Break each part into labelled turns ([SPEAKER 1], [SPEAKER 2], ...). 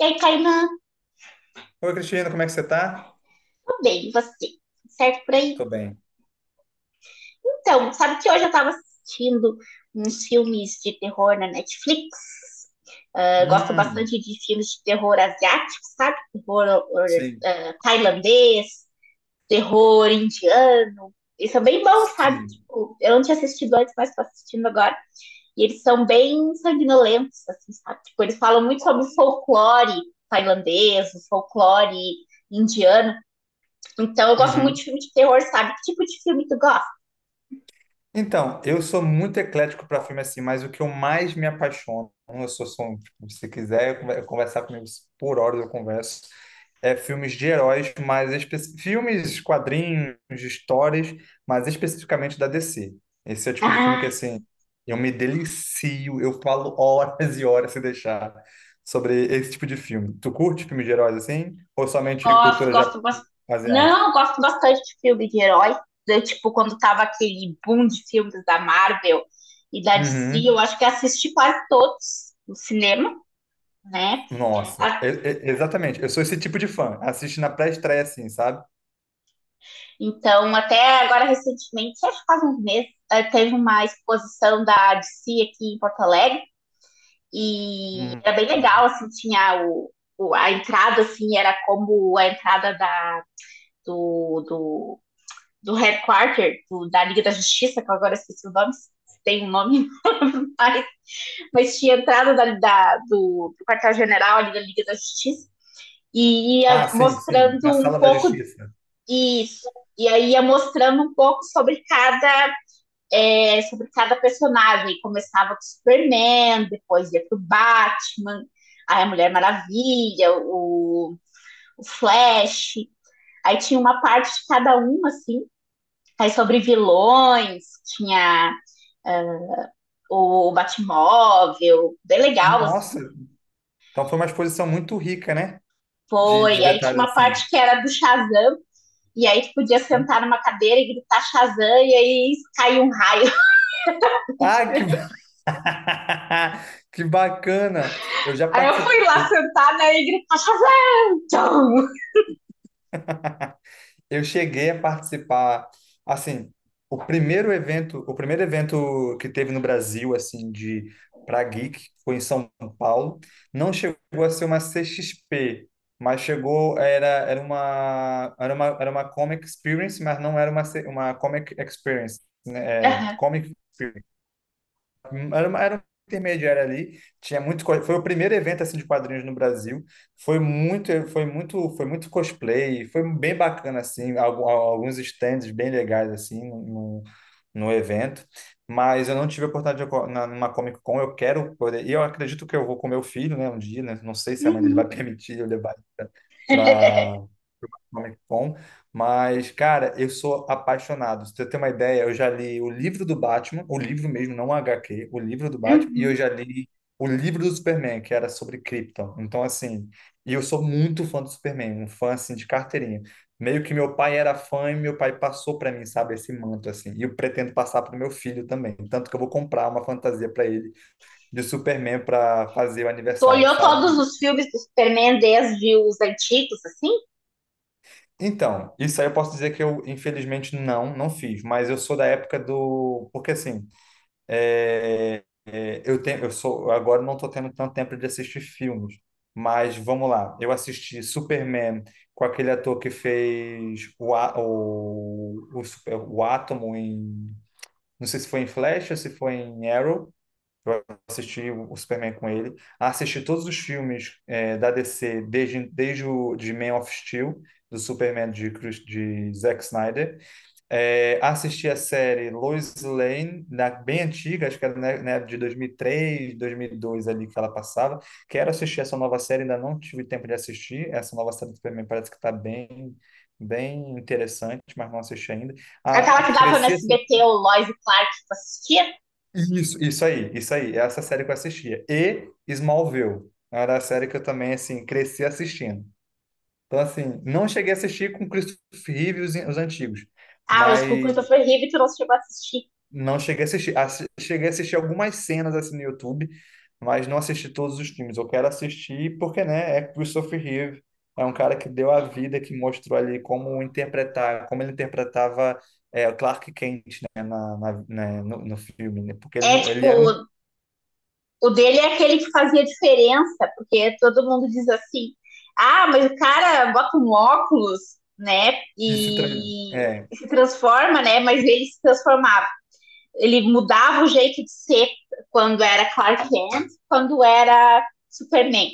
[SPEAKER 1] E aí, Kainan,
[SPEAKER 2] Oi, Cristiano, como é que você tá?
[SPEAKER 1] tudo bem, você? Certo por aí?
[SPEAKER 2] Tô bem.
[SPEAKER 1] Então, sabe que hoje eu tava assistindo uns filmes de terror na Netflix? Ah, gosto
[SPEAKER 2] Hum,
[SPEAKER 1] bastante de filmes de terror asiático, sabe?
[SPEAKER 2] sim,
[SPEAKER 1] Ah, tailandês, terror indiano. Eles são bem bons, sabe?
[SPEAKER 2] sim.
[SPEAKER 1] Tipo, eu não tinha assistido antes, mas tô assistindo agora. E eles são bem sanguinolentos, assim, sabe? Tipo, eles falam muito sobre o folclore tailandês, o folclore indiano. Então eu gosto muito
[SPEAKER 2] Uhum.
[SPEAKER 1] de filme de terror, sabe? Que tipo de filme tu gosta?
[SPEAKER 2] Então, eu sou muito eclético para filme assim, mas o que eu mais me apaixono, eu sou um, tipo, se quiser eu conversar comigo por horas eu converso, é filmes de heróis, mas filmes, quadrinhos, histórias, mas especificamente da DC. Esse é o tipo de filme que
[SPEAKER 1] Ah,
[SPEAKER 2] assim, eu me delicio, eu falo horas e horas se deixar sobre esse tipo de filme. Tu curte filmes de heróis assim ou somente
[SPEAKER 1] gosto,
[SPEAKER 2] cultura
[SPEAKER 1] gosto, gosto.
[SPEAKER 2] asiática?
[SPEAKER 1] Não, eu gosto bastante de filme de herói. Eu, tipo, quando tava aquele boom de filmes da Marvel e da DC,
[SPEAKER 2] Uhum.
[SPEAKER 1] eu acho que assisti quase todos no cinema, né?
[SPEAKER 2] Nossa,
[SPEAKER 1] Ah,
[SPEAKER 2] exatamente. Eu sou esse tipo de fã. Assiste na pré-estreia, assim, sabe?
[SPEAKER 1] então, até agora recentemente, acho que faz uns meses, teve uma exposição da DC aqui em Porto Alegre e
[SPEAKER 2] Hum.
[SPEAKER 1] era bem legal, assim, tinha o a entrada, assim, era como a entrada do do headquarter da Liga da Justiça, que eu agora esqueci o nome, tem um nome, mas, mas tinha entrado do quartel-general ali da Liga da Justiça e
[SPEAKER 2] Ah,
[SPEAKER 1] ia
[SPEAKER 2] sim, sim. Na
[SPEAKER 1] mostrando um
[SPEAKER 2] Sala da
[SPEAKER 1] pouco
[SPEAKER 2] Justiça.
[SPEAKER 1] disso. E aí ia mostrando um pouco sobre cada, sobre cada personagem. Começava com o Superman, depois ia pro Batman, aí a Mulher Maravilha, o Flash. Aí tinha uma parte de cada um, assim. Aí sobre vilões, tinha, é, o Batmóvel, bem legal,
[SPEAKER 2] Nossa,
[SPEAKER 1] assim.
[SPEAKER 2] então foi uma exposição muito rica, né? De
[SPEAKER 1] Foi. Aí tinha
[SPEAKER 2] detalhes
[SPEAKER 1] uma
[SPEAKER 2] assim.
[SPEAKER 1] parte que era do Shazam, e aí tu podia sentar numa cadeira e gritar Shazam, e aí caiu um raio.
[SPEAKER 2] Ah, que bacana! Eu já
[SPEAKER 1] Aí eu fui
[SPEAKER 2] participei.
[SPEAKER 1] lá sentar, né, e gritar Shazam!
[SPEAKER 2] Eu cheguei a participar, assim, o primeiro evento que teve no Brasil, assim, de para geek, foi em São Paulo. Não chegou a ser uma CXP, mas chegou, era uma Comic Experience, mas não era uma Comic Experience, né? É, Comic Experience. Era uma intermediária ali, tinha muito, foi o primeiro evento assim de quadrinhos no Brasil. Foi muito cosplay, foi bem bacana assim, alguns stands bem legais assim no evento. Mas eu não tive a oportunidade numa Comic Con, eu quero poder, e eu acredito que eu vou com meu filho, né, um dia, né, não sei se a mãe dele vai
[SPEAKER 1] Uhum.
[SPEAKER 2] permitir eu levar ele para Comic Con, mas, cara, eu sou apaixonado. Se eu ter uma ideia, eu já li o livro do Batman, o livro mesmo, não o HQ, o livro do Batman, e eu
[SPEAKER 1] Uhum.
[SPEAKER 2] já li o livro do Superman, que era sobre Krypton. Então, assim, e eu sou muito fã do Superman, um fã, assim, de carteirinha. Meio que meu pai era fã e meu pai passou para mim, sabe, esse manto, assim. E eu pretendo passar para o meu filho também. Tanto que eu vou comprar uma fantasia para ele de Superman para fazer o
[SPEAKER 1] Tu
[SPEAKER 2] aniversário,
[SPEAKER 1] olhou
[SPEAKER 2] sabe?
[SPEAKER 1] todos os filmes do Superman desde os antigos, assim?
[SPEAKER 2] Então, isso aí eu posso dizer que eu, infelizmente, não, não fiz, mas eu sou da época do. Porque assim, eu sou, agora não estou tendo tanto tempo de assistir filmes, mas vamos lá. Eu assisti Superman com aquele ator que fez o, A- o, o, Super- o Átomo em. Não sei se foi em Flash ou se foi em Arrow. Eu assisti o Superman com ele. Assisti todos os filmes da DC, desde o de Man of Steel, do Superman de Zack Snyder. É, assisti a série Lois Lane, bem antiga, acho que era né, de 2003, 2002 ali que ela passava. Quero assistir essa nova série, ainda não tive tempo de assistir. Essa nova série do Superman parece que está bem, bem interessante, mas não assisti ainda. Ah,
[SPEAKER 1] Aquela que dava no
[SPEAKER 2] cresci
[SPEAKER 1] SBT, o Lois e Clark, que tu assistia?
[SPEAKER 2] isso, isso aí, isso aí. É, essa série que eu assistia. E Smallville. Era a série que eu também, assim, cresci assistindo. Então, assim, não cheguei a assistir com Christopher Reeve e os antigos.
[SPEAKER 1] Ah, os
[SPEAKER 2] Mas
[SPEAKER 1] Cucurutas foi horrível e tu não chegou a assistir.
[SPEAKER 2] não cheguei a assistir. Cheguei a assistir algumas cenas, assim, no YouTube. Mas não assisti todos os filmes. Eu quero assistir porque, né, é Christopher Reeve. É um cara que deu a vida, que mostrou ali como interpretar, como ele interpretava o Clark Kent, né, né, no filme, né? Porque ele,
[SPEAKER 1] É,
[SPEAKER 2] ele era um
[SPEAKER 1] tipo, o dele é aquele que fazia diferença, porque todo mundo diz assim: ah, mas o cara bota um óculos, né?
[SPEAKER 2] esse treino.
[SPEAKER 1] E,
[SPEAKER 2] É,
[SPEAKER 1] e se transforma, né? Mas ele se transformava. Ele mudava o jeito de ser quando era Clark Kent, quando era Superman,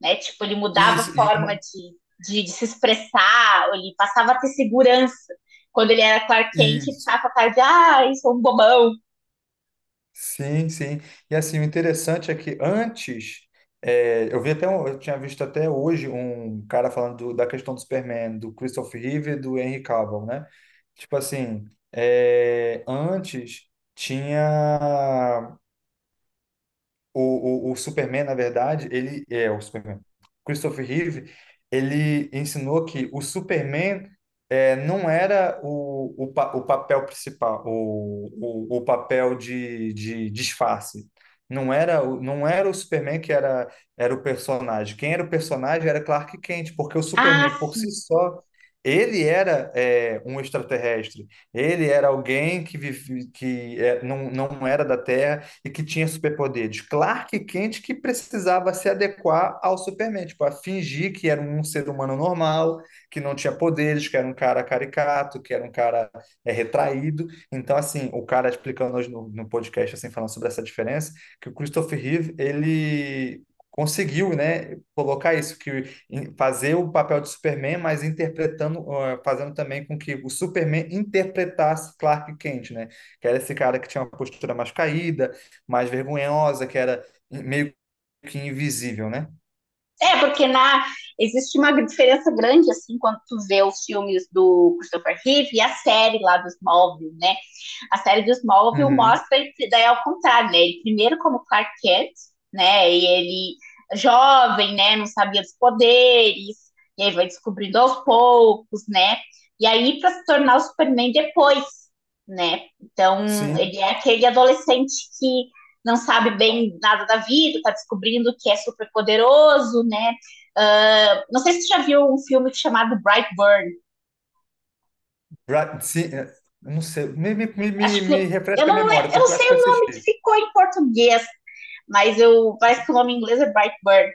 [SPEAKER 1] né? Tipo, ele mudava a
[SPEAKER 2] isso, e
[SPEAKER 1] forma de se expressar, ele passava a ter segurança. Quando ele era Clark Kent,
[SPEAKER 2] isso.
[SPEAKER 1] ficava com a cara de, ah, eu sou um bobão.
[SPEAKER 2] Sim, sim. E assim, o interessante é que antes, eu vi até, eu tinha visto até hoje um cara falando da questão do Superman, do Christopher Reeve e do Henry Cavill, né? Tipo assim, antes tinha o Superman, na verdade, ele é o Superman. Christopher Reeve, ele ensinou que o Superman não era o papel principal, o papel de disfarce. Não era, não era o Superman que era, o personagem. Quem era o personagem era Clark Kent, porque o Superman
[SPEAKER 1] Ah,
[SPEAKER 2] por si só, ele era um extraterrestre. Ele era alguém que, vive, que é, não era da Terra e que tinha superpoderes. Clark Kent que precisava se adequar ao Superman, tipo, a fingir que era um ser humano normal, que não tinha poderes, que era um cara caricato, que era um cara retraído. Então, assim, o cara explicando hoje no podcast, assim, falando sobre essa diferença, que o Christopher Reeve, ele conseguiu, né, colocar isso, fazer o papel de Superman, mas interpretando, ah, fazendo também com que o Superman interpretasse Clark Kent, né, que era esse cara que tinha uma postura mais caída, mais vergonhosa, que era meio que invisível, né?
[SPEAKER 1] é, porque na, existe uma diferença grande, assim, quando tu vê os filmes do Christopher Reeve e a série lá dos móveis, né? A série do Smallville
[SPEAKER 2] Uhum.
[SPEAKER 1] mostra que daí é ao contrário, né? Ele primeiro como Clark Kent, né? E ele jovem, né? Não sabia dos poderes, e aí vai descobrindo aos poucos, né? E aí para se tornar o Superman depois, né? Então
[SPEAKER 2] Sim.
[SPEAKER 1] ele é aquele adolescente que não sabe bem nada da vida, tá descobrindo que é super poderoso, né? Não sei se você já viu um filme chamado Brightburn.
[SPEAKER 2] Ra- se- é, não sei, me, me, me, me
[SPEAKER 1] Acho que
[SPEAKER 2] me refresca a
[SPEAKER 1] eu
[SPEAKER 2] memória,
[SPEAKER 1] não
[SPEAKER 2] porque eu acho
[SPEAKER 1] sei
[SPEAKER 2] que eu
[SPEAKER 1] o nome
[SPEAKER 2] assisti.
[SPEAKER 1] que ficou em português, mas eu parece que o nome em inglês é Brightburn,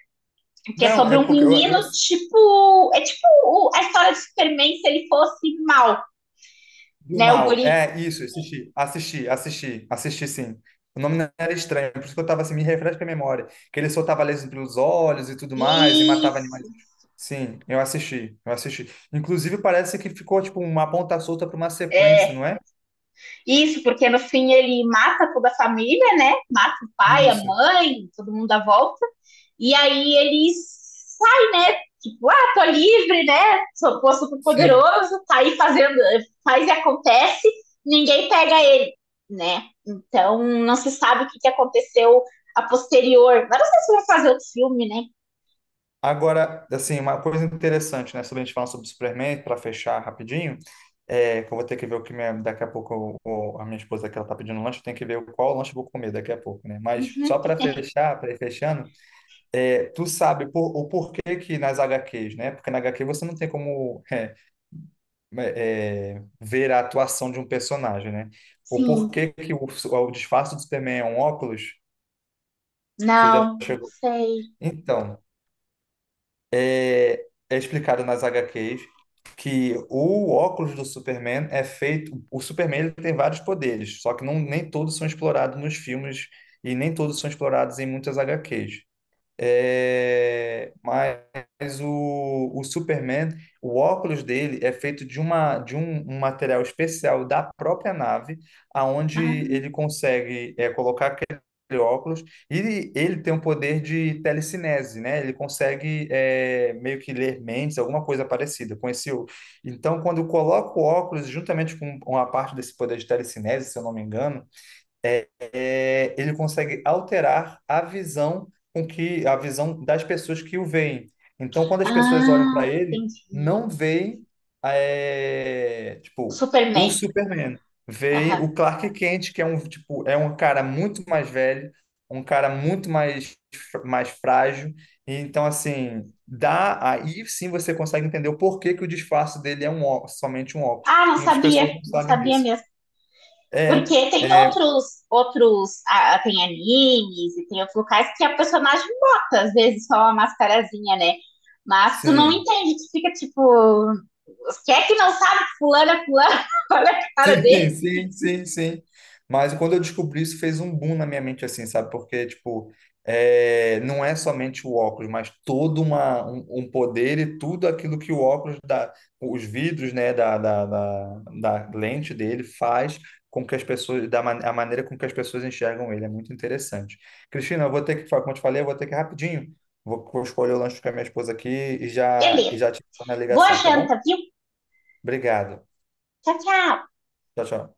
[SPEAKER 1] que é
[SPEAKER 2] Não,
[SPEAKER 1] sobre
[SPEAKER 2] é
[SPEAKER 1] um
[SPEAKER 2] porque eu,
[SPEAKER 1] menino tipo, é tipo a história de Superman se ele fosse mal,
[SPEAKER 2] do
[SPEAKER 1] né, o
[SPEAKER 2] mal.
[SPEAKER 1] guri.
[SPEAKER 2] É isso, assisti sim. O nome não era estranho, por isso que eu tava assim, me refresca a memória. Que ele soltava laser pelos olhos e tudo mais, e matava
[SPEAKER 1] Isso.
[SPEAKER 2] animais.
[SPEAKER 1] Isso.
[SPEAKER 2] Sim, eu assisti. Inclusive, parece que ficou tipo uma ponta solta para uma sequência,
[SPEAKER 1] É,
[SPEAKER 2] não é?
[SPEAKER 1] isso, porque no fim ele mata toda a família, né? Mata o pai, a
[SPEAKER 2] Isso.
[SPEAKER 1] mãe, todo mundo à volta. E aí ele sai, né? Tipo, ah, tô livre, né? Sou, tô super
[SPEAKER 2] Sim.
[SPEAKER 1] poderoso, tá aí fazendo, faz e acontece, ninguém pega ele, né? Então não se sabe o que, que aconteceu a posterior. Mas não sei se vai fazer outro filme, né?
[SPEAKER 2] Agora, assim, uma coisa interessante, né, sobre a gente falar sobre Superman, para fechar rapidinho, que eu vou ter que ver o que minha, daqui a pouco a minha esposa que ela tá pedindo lanche, tem que ver qual lanche eu vou comer daqui a pouco, né? Mas só
[SPEAKER 1] Uhum.
[SPEAKER 2] para fechar, para ir fechando, tu sabe o porquê que nas HQs, né? Porque na HQ você não tem como ver a atuação de um personagem, né? O
[SPEAKER 1] Sim,
[SPEAKER 2] porquê que o disfarce do Superman é um óculos, você já
[SPEAKER 1] não, não
[SPEAKER 2] chegou.
[SPEAKER 1] sei.
[SPEAKER 2] Então. é, é explicado nas H. HQs que o óculos do Superman é feito. O Superman ele tem vários poderes, só que não, nem todos são explorados nos filmes e nem todos são explorados em muitas H. HQs. É, mas o Superman, o óculos dele é feito de um material especial da própria nave, aonde
[SPEAKER 1] Ah,
[SPEAKER 2] ele consegue colocar aquele óculos e ele tem o poder de telecinese, né? Ele consegue meio que ler mentes, alguma coisa parecida com esse. Então, quando coloca o óculos juntamente com uma parte desse poder de telecinese, se eu não me engano ele consegue alterar a visão com que a visão das pessoas que o veem. Então, quando as pessoas olham
[SPEAKER 1] ah,
[SPEAKER 2] para ele,
[SPEAKER 1] entendi.
[SPEAKER 2] não veem tipo o
[SPEAKER 1] Superman.
[SPEAKER 2] Superman, veem
[SPEAKER 1] Aham.
[SPEAKER 2] o Clark Kent, que é um cara muito mais velho, um cara muito mais mais frágil. Então, assim, dá aí sim você consegue entender o porquê que o disfarce dele é somente um óculos.
[SPEAKER 1] Ah, não
[SPEAKER 2] Muitas
[SPEAKER 1] sabia,
[SPEAKER 2] pessoas não
[SPEAKER 1] não
[SPEAKER 2] sabem
[SPEAKER 1] sabia
[SPEAKER 2] disso.
[SPEAKER 1] mesmo.
[SPEAKER 2] É,
[SPEAKER 1] Porque tem
[SPEAKER 2] é,
[SPEAKER 1] outros, outros, ah, tem animes e tem outros locais que a personagem bota, às vezes, só uma mascarazinha, né? Mas tu não
[SPEAKER 2] sim.
[SPEAKER 1] entende, tu fica tipo, quem é que não sabe que fulano é fulano? Olha a cara
[SPEAKER 2] Sim,
[SPEAKER 1] dele.
[SPEAKER 2] sim, sim, sim. Mas quando eu descobri isso, fez um boom na minha mente, assim, sabe? Porque, tipo, não é somente o óculos, mas todo um poder e tudo aquilo que o óculos dá, os vidros, né, da lente dele faz com que as pessoas, a maneira com que as pessoas enxergam ele. É muito interessante. Cristina, eu vou ter que, como eu te falei, eu vou ter que ir rapidinho. Vou escolher o lanche com a minha esposa aqui e já,
[SPEAKER 1] Beleza.
[SPEAKER 2] te dou na
[SPEAKER 1] Boa
[SPEAKER 2] ligação, tá bom?
[SPEAKER 1] janta, viu?
[SPEAKER 2] Obrigado.
[SPEAKER 1] Tchau, tchau.
[SPEAKER 2] Tchau, tchau.